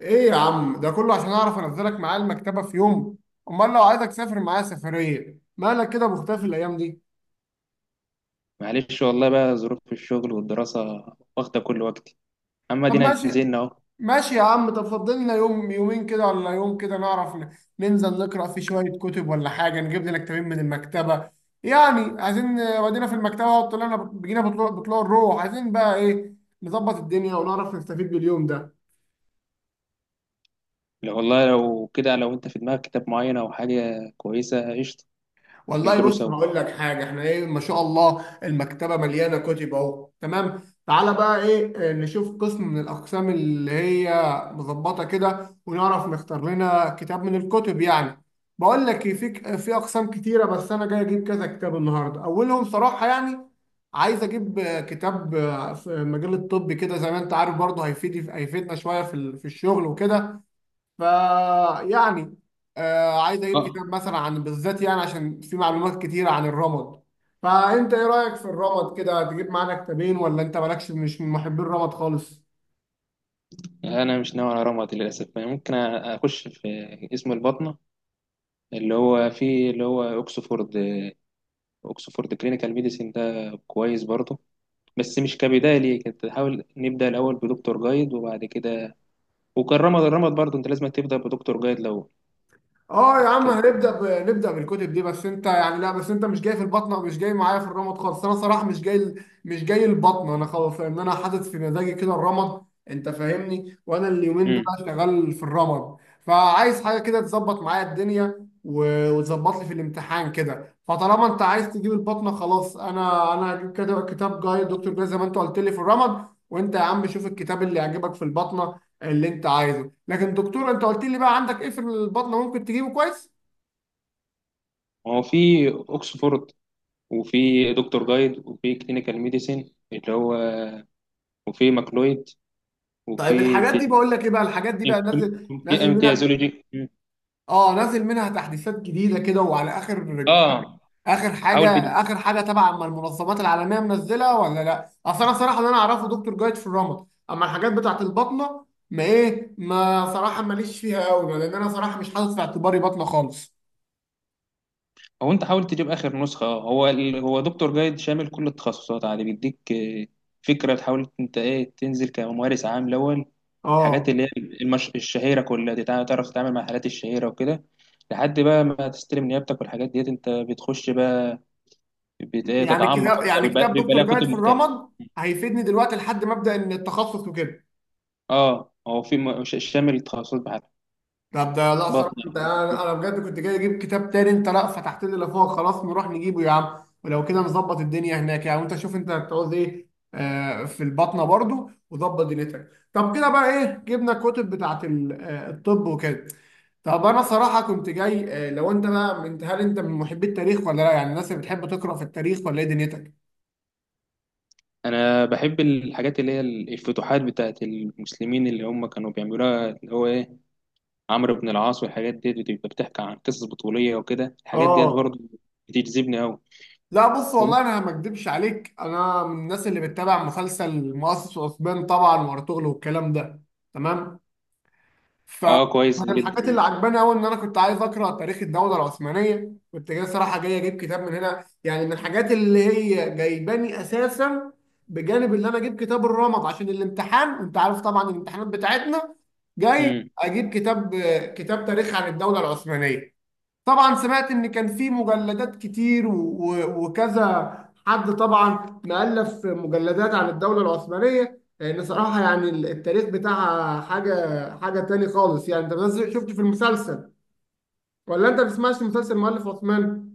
ايه يا عم ده كله عشان اعرف انزلك معايا المكتبه في يوم؟ امال لو عايزك تسافر معايا سفريه مالك كده مختفي الايام دي؟ معلش والله بقى، ظروف الشغل والدراسة واخدة كل وقتي. أما طب دينا ماشي، نزلنا أهو. ماشي يا عم، طب فضل لنا يوم يومين كده ولا يوم كده نعرف ننزل نقرا في شويه كتب ولا حاجه، نجيب لنا كتابين من المكتبه، يعني عايزين ودينا في المكتبه وطلعنا بجينا بطلوع الروح، عايزين بقى ايه، نظبط الدنيا ونعرف نستفيد باليوم ده. لو والله لو كده، لو أنت في دماغك كتاب معين أو حاجة كويسة قشطة، والله نجرو بص سوا. هقول لك حاجه، احنا ايه، ما شاء الله المكتبه مليانه كتب اهو، تمام. تعالى بقى ايه، نشوف قسم من الاقسام اللي هي مظبطه كده ونعرف نختار لنا كتاب من الكتب يعني. بقول لك إيه، في اقسام كتيره، بس انا جاي اجيب كذا كتاب النهارده، اولهم صراحه يعني عايز اجيب كتاب في مجال الطب كده، زي ما انت عارف برضه هيفيدنا شويه في في الشغل وكده. فيعني عايز اجيب اه، كتاب مثلا عن بالذات، يعني عشان في معلومات كتيرة عن الرمد. فانت ايه رأيك في الرمد كده، تجيب معانا كتابين ولا انت مالكش، مش من محبي الرمد خالص؟ أنا مش ناوي على رمض للأسف. أنا ممكن أخش في اسم البطنة اللي هو فيه، اللي هو أوكسفورد. أوكسفورد كلينيكال ميديسين ده كويس برضه، بس مش كبداية. ليه كنت حاول نبدأ الأول بدكتور جايد وبعد كده. وكان رمض، الرمض برضه أنت لازم تبدأ بدكتور جايد لو اه يا عم كده. هنبدا نبدا بالكتب دي، بس انت يعني لا، بس انت مش جاي في البطنه، مش جاي معايا في الرمد خالص، انا صراحه مش جاي مش جاي البطنه انا خلاص، لان انا حاطط في مزاجي كده الرمد. انت فاهمني؟ وانا اليومين دول امم شغال في الرمد، فعايز حاجه كده تظبط معايا الدنيا وتظبط لي في الامتحان كده، فطالما انت عايز تجيب البطنه خلاص، انا هجيب كده كتاب جاي، دكتور جاي زي ما انت قلت لي في الرمد، وانت يا عم شوف الكتاب اللي يعجبك في البطنه اللي انت عايزه. لكن دكتور، انت قلت لي بقى عندك ايه في البطنه ممكن تجيبه كويس؟ هو في أوكسفورد، وفي دكتور جايد، وفي كلينيكال ميديسين اللي هو، وفي ماكلويد، طيب وفي الحاجات دي، بقول لك ايه بقى، الحاجات دي بقى نازل، في منها. امتيازولوجي. اه نازل منها تحديثات جديده كده، وعلى اخر، اه، اخر حاجه، حاول تجيب. اخر حاجه، تبع اما المنظمات العالميه منزله ولا لا، اصل انا صراحه اللي انا اعرفه دكتور جايد في الرمد، اما الحاجات بتاعت البطنه ما ايه، ما صراحه ماليش فيها قوي، لان انا صراحه مش حاطط في اعتباري بطنه خالص. هو انت حاول تجيب اخر نسخه. هو هو دكتور جايد شامل كل التخصصات عادي، بيديك فكره. تحاول انت تنزل كممارس عام الاول. الحاجات اه اللي هي الشهيره كلها دي، تعرف تتعامل مع الحالات الشهيره وكده، لحد بقى ما تستلم نيابتك. والحاجات ديت انت بتخش بقى بت... إيه، يعني تتعمق كتاب، اكتر، يعني كتاب بيبقى لها دكتور جايد كتب في مختلفه. الرمد هيفيدني دلوقتي لحد ما ابدا ان التخصص وكده. اه، هو في شامل التخصصات بحالها. طب ده لا بطن صراحة انت، جراحة انا كله. انا بجد كنت جاي اجيب كتاب تاني، انت لا فتحت لي اللي فوق، خلاص نروح نجيبه يا عم، ولو كده نظبط الدنيا هناك يعني، وانت شوف انت هتعوز ايه. في البطنة برضو، وظبط دنيتك. طب كده بقى ايه، جبنا الكتب بتاعت الطب وكده. طب انا صراحة كنت جاي، لو انت بقى من، هل انت من محبي التاريخ ولا لا؟ يعني الناس اللي بتحب تقرأ في التاريخ ولا ايه دنيتك؟ انا بحب الحاجات اللي هي الفتوحات بتاعت المسلمين اللي هم كانوا بيعملوها، اللي هو ايه، عمرو بن العاص. والحاجات دي بتبقى بتحكي عن قصص بطولية وكده. الحاجات ديت اه برضه بتجذبني قوي. لا بص والله، انا ما اكدبش عليك، انا من الناس اللي بتتابع مسلسل مؤسس واسبان طبعا وارطغرل والكلام ده، تمام. فمن اه كويس جدا. الحاجات مم. اللي عجباني قوي ان انا كنت عايز اقرا تاريخ الدوله العثمانيه، كنت جاي صراحه، جاي اجيب كتاب من هنا يعني، من الحاجات اللي هي جايباني اساسا، بجانب اللي انا اجيب كتاب الرمد عشان الامتحان، انت عارف طبعا الامتحانات بتاعتنا. جاي مم. اجيب كتاب، كتاب تاريخ عن الدوله العثمانيه، طبعا سمعت ان كان في مجلدات كتير وكذا حد طبعا مؤلف مجلدات عن الدولة العثمانية، لان صراحة يعني التاريخ بتاعها حاجة، حاجة تاني خالص يعني، انت بس شفت في المسلسل ولا انت بتسمعش مسلسل مؤلف عثمان؟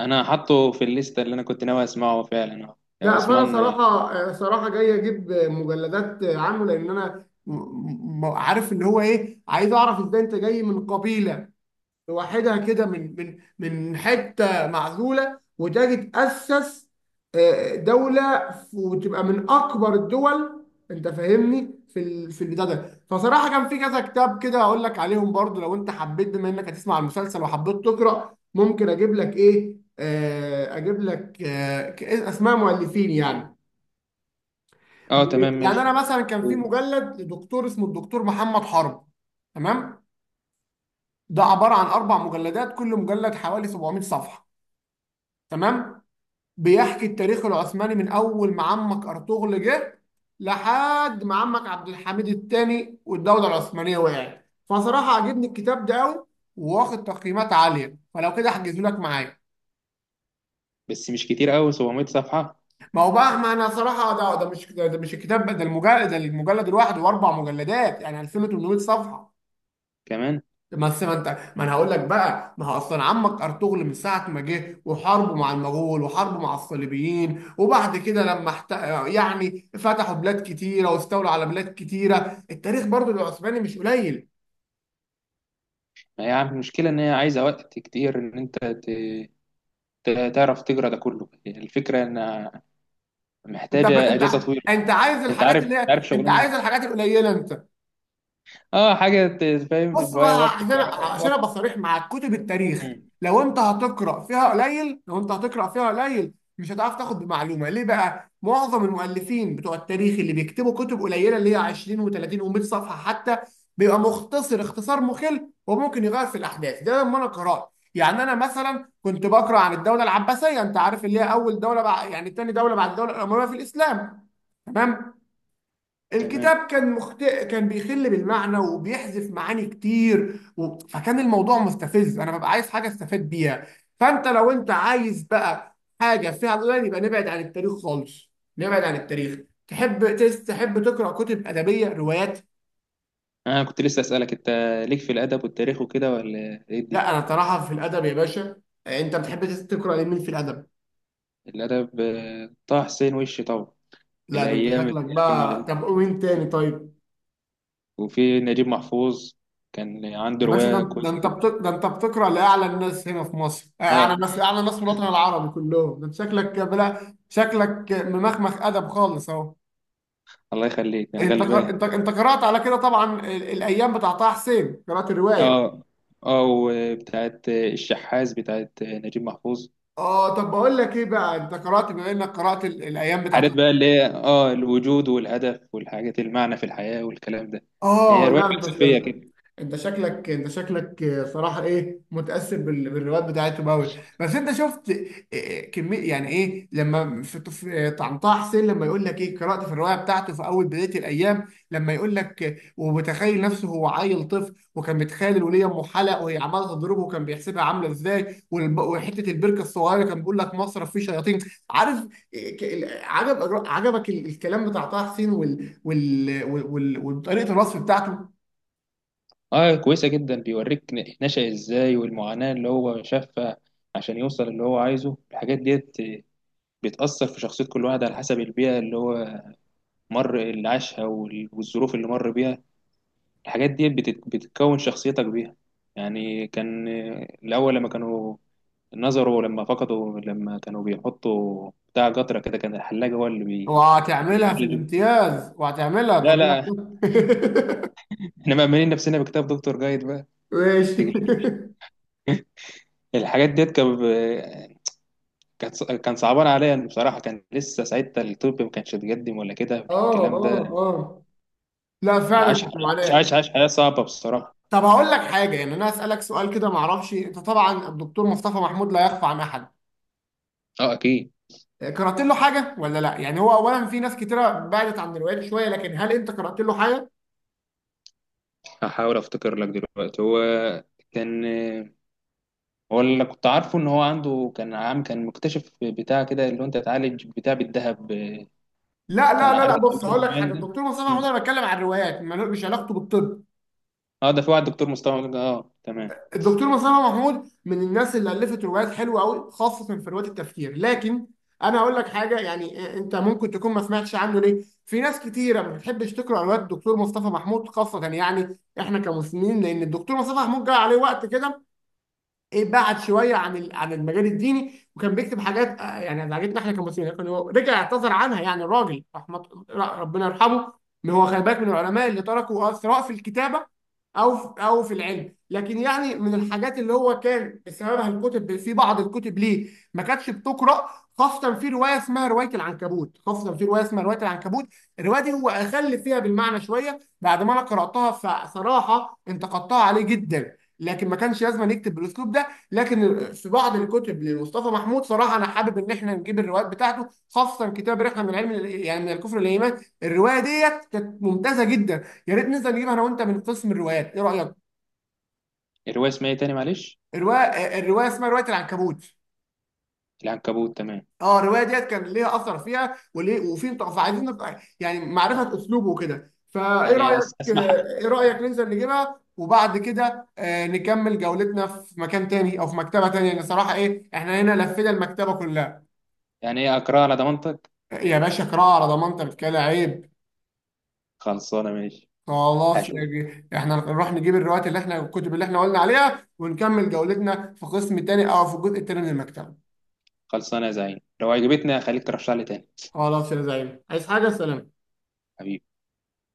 انا حاطه في الليستة اللي انا كنت ناوي اسمعه فعلا. اه، يا لا فانا عثمان، اه. صراحة، صراحة جاي اجيب مجلدات عنه، لان انا عارف اللي هو ايه، عايز اعرف ازاي انت جاي من قبيلة لوحدها كده من، من حته معزوله وتجي تاسس دوله وتبقى من اكبر الدول. انت فاهمني؟ في في البتاع ده، فصراحه كان في كذا كتاب كده اقول لك عليهم برضو، لو انت حبيت بما انك هتسمع المسلسل وحبيت تقرا، ممكن اجيب لك ايه، اجيب لك اسماء مؤلفين يعني. تمام، يعني ماشي. انا مثلا كان في مجلد لدكتور اسمه الدكتور محمد حرب، تمام، ده عباره عن اربع مجلدات، كل مجلد حوالي 700 صفحه، تمام، بيحكي التاريخ العثماني من اول ما عمك ارطغرل جه لحد ما عمك عبد الحميد الثاني والدوله العثمانيه وقعت. فصراحه عجبني الكتاب ده قوي، واخد تقييمات عاليه، فلو كده احجزه لك معايا. بس مش كتير قوي 700 صفحة ما هو بقى، ما انا صراحه ده، ده مش الكتاب ده، المجلد ده، المجلد الواحد، واربع مجلدات يعني 2800 صفحه. كمان. بس ما انت، ما انا هقول لك بقى، ما هو اصلا عمك ارطغرل من ساعه ما جه وحاربه مع المغول وحاربه مع الصليبيين، وبعد كده لما يعني فتحوا بلاد كتيره واستولوا على بلاد كتيره، التاريخ برضو العثماني مش قليل. ما هي المشكلة ان هي عايزة وقت كتير، ان انت تعرف تجرى ده كله. الفكرة إنها انت محتاجة انت أجازة طويلة. انت عايز أنت الحاجات عارف، اللي أنت هي، عارف انت عايز شغلنا. الحاجات القليله انت. أه، حاجة فاهم بص بتضيع بقى، وقت، عشان عشان ابقى وقت. صريح معاك، كتب التاريخ مم. لو انت هتقرا فيها قليل، لو انت هتقرا فيها قليل، مش هتعرف تاخد بمعلومه، ليه بقى؟ معظم المؤلفين بتوع التاريخ اللي بيكتبوا كتب قليله اللي هي 20 و30 و100 صفحه حتى، بيبقى مختصر اختصار مخل، وممكن يغير في الاحداث. ده لما انا قرات يعني، انا مثلا كنت بقرا عن الدوله العباسيه، انت عارف اللي هي اول دوله بعد يعني، تاني دوله بعد الدوله الامويه في الاسلام، تمام، تمام. الكتاب كان كان بيخل بالمعنى وبيحذف معاني كتير فكان الموضوع مستفز، انا ببقى عايز حاجه استفاد بيها. فانت لو انت عايز بقى حاجه فيها القران، يبقى نبعد عن التاريخ خالص، نبعد عن التاريخ. تحب تحب تقرا كتب ادبيه، روايات؟ أنا كنت لسه أسألك أنت ليك في الأدب والتاريخ وكده، ولا إيه لا الدنيا؟ انا صراحه في الادب يا باشا. انت بتحب تقرا لمين في الادب؟ الأدب، طه حسين وش طبعا. لا ده انت الأيام اللي شكلك كنا بقى، واخدين، طب قول مين تاني طيب. وفي نجيب محفوظ كان عنده يا باشا ده، رواية ده كويسة انت جدا. ده انت بتقرا لاعلى الناس هنا في مصر، اعلى أه. ناس، اعلى ناس في الوطن العربي كلهم، ده انت شكلك بلا، شكلك ممخمخ ادب خالص اهو. الله يخليك، أنا انت غلبان. انت قرات على كده طبعا الايام بتاع طه حسين، قرات الروايه. أه. أه، وبتاعت الشحاذ بتاعت نجيب محفوظ. اه طب بقول لك ايه بقى، انت قرات بما انك قرات الايام بتاع. حاجات بقى اللي هي اه، الوجود والهدف والحاجات، المعنى في الحياة والكلام ده. هي اه رواية لا فلسفية انت، كده. انت شكلك صراحه ايه، متاثر بالروايات بتاعتهم قوي. بس انت شفت إيه كميه، يعني ايه لما في طعنطاح حسين لما يقول لك ايه، قرات في الروايه بتاعته في اول بدايه الايام، لما يقول لك ومتخيل نفسه هو عيل طفل، وكان متخيل الوليه ام حلق وهي عماله تضربه وكان بيحسبها عامله ازاي، وحته البركه الصغيره كان بيقول لك مصرف فيه شياطين، عارف؟ إيه، عجب الكلام بتاع طه حسين وطريقه الوصف بتاعته. اه كويسة جدا. بيوريك نشأ ازاي، والمعاناة اللي هو شافها عشان يوصل اللي هو عايزه. الحاجات ديت بتأثر في شخصية كل واحد على حسب البيئة اللي هو مر، اللي عاشها والظروف اللي مر بيها. الحاجات ديت بتكون شخصيتك بيها. يعني كان الأول لما كانوا نظروا، لما فقدوا، لما كانوا بيحطوا بتاع قطرة كده، كان الحلاج هو اللي وهتعملها في بيعالج. الامتياز وهتعملها لا، تودينا لا، في ده. احنا مأمنين نفسنا بكتاب دكتور جايد بقى. ماشي. تيجي. الحاجات ديت كان، كان صعبان عليا بصراحة. كان لسه ساعتها الطب ما كانش اتقدم ولا كده اه، الكلام اه، ده. اه، لا فعلا عاش، كانت معاناه. عاش حياة صعبة بصراحة. طب هقول لك حاجه، يعني انا هسالك سؤال كده، ما اعرفش انت طبعا الدكتور مصطفى محمود لا يخفى عن احد، اه اكيد. قرات له حاجه ولا لا؟ يعني هو اولا في ناس كتيره بعدت عن الروايات شويه، لكن هل انت قرات له حاجه؟ هحاول افتكر لك دلوقتي. هو كان، هو اللي كنت عارفه ان هو عنده، كان عام، كان مكتشف بتاع كده اللي هو انت تعالج بتاع بالذهب. كان لا عارف انت بص المرض هقول لك المعين حاجه، ده. الدكتور مصطفى محمود مم. انا بتكلم عن الروايات ما مش علاقته بالطب. اه، ده في واحد دكتور مصطفى، اه تمام. الدكتور مصطفى محمود من الناس اللي الفت روايات حلوه قوي، خاصه في روايه التفكير، لكن انا اقول لك حاجه يعني، انت ممكن تكون ما سمعتش عنه، ليه؟ في ناس كتيره ما بتحبش تقرا روايات الدكتور مصطفى محمود، خاصه يعني احنا كمسلمين، لان الدكتور مصطفى محمود جه عليه وقت كده ايه، بعد شويه عن عن المجال الديني، وكان بيكتب حاجات يعني عجبتنا احنا كمسلمين، كان هو رجع اعتذر عنها، يعني الراجل رحمه، ربنا يرحمه، ان هو خلي بالك من العلماء اللي تركوا أثر، سواء في الكتابه او في، او في العلم، لكن يعني من الحاجات اللي هو كان سببها الكتب، في بعض الكتب ليه ما كانتش بتقرا، خاصه في روايه اسمها روايه العنكبوت، الروايه دي هو اخل فيها بالمعنى شويه بعد ما انا قراتها، فصراحه انتقدتها عليه جدا، لكن ما كانش لازم يكتب بالاسلوب ده. لكن في بعض الكتب لمصطفى محمود صراحه انا حابب ان احنا نجيب الروايات بتاعته، خاصه كتاب رحله من علم، يعني من الكفر للايمان، الروايه ديت كانت ممتازه جدا، يا ريت ننزل نجيبها انا وانت من قسم الروايات، ايه رايك؟ الرواية اسمها ايه تاني، معلش؟ الروايه، الروايه اسمها روايه العنكبوت. العنكبوت، تمام. اه الروايه ديت كان ليها اثر فيها وليه، وفي فعايزين نبقى يعني معرفه اسلوبه وكده، فايه يعني رايك؟ اسمع، ايه رايك ننزل نجيبها وبعد كده نكمل جولتنا في مكان تاني او في مكتبه تانيه، لان صراحه ايه، احنا هنا لفينا المكتبه كلها. يعني ايه اكرهها على ضمانتك. يا باشا قراءة على ضمانتك كده عيب. خلصانه، ماشي. خلاص هشوف. يا جي. احنا نروح نجيب الروايات اللي احنا، الكتب اللي احنا قلنا عليها، ونكمل جولتنا في قسم تاني او في الجزء التاني من المكتبة. خلصانه يا زعيم، لو عجبتني هخليك ترشح لي تاني. خلاص يا زعيم، عايز حاجة؟ سلام. حبيبي.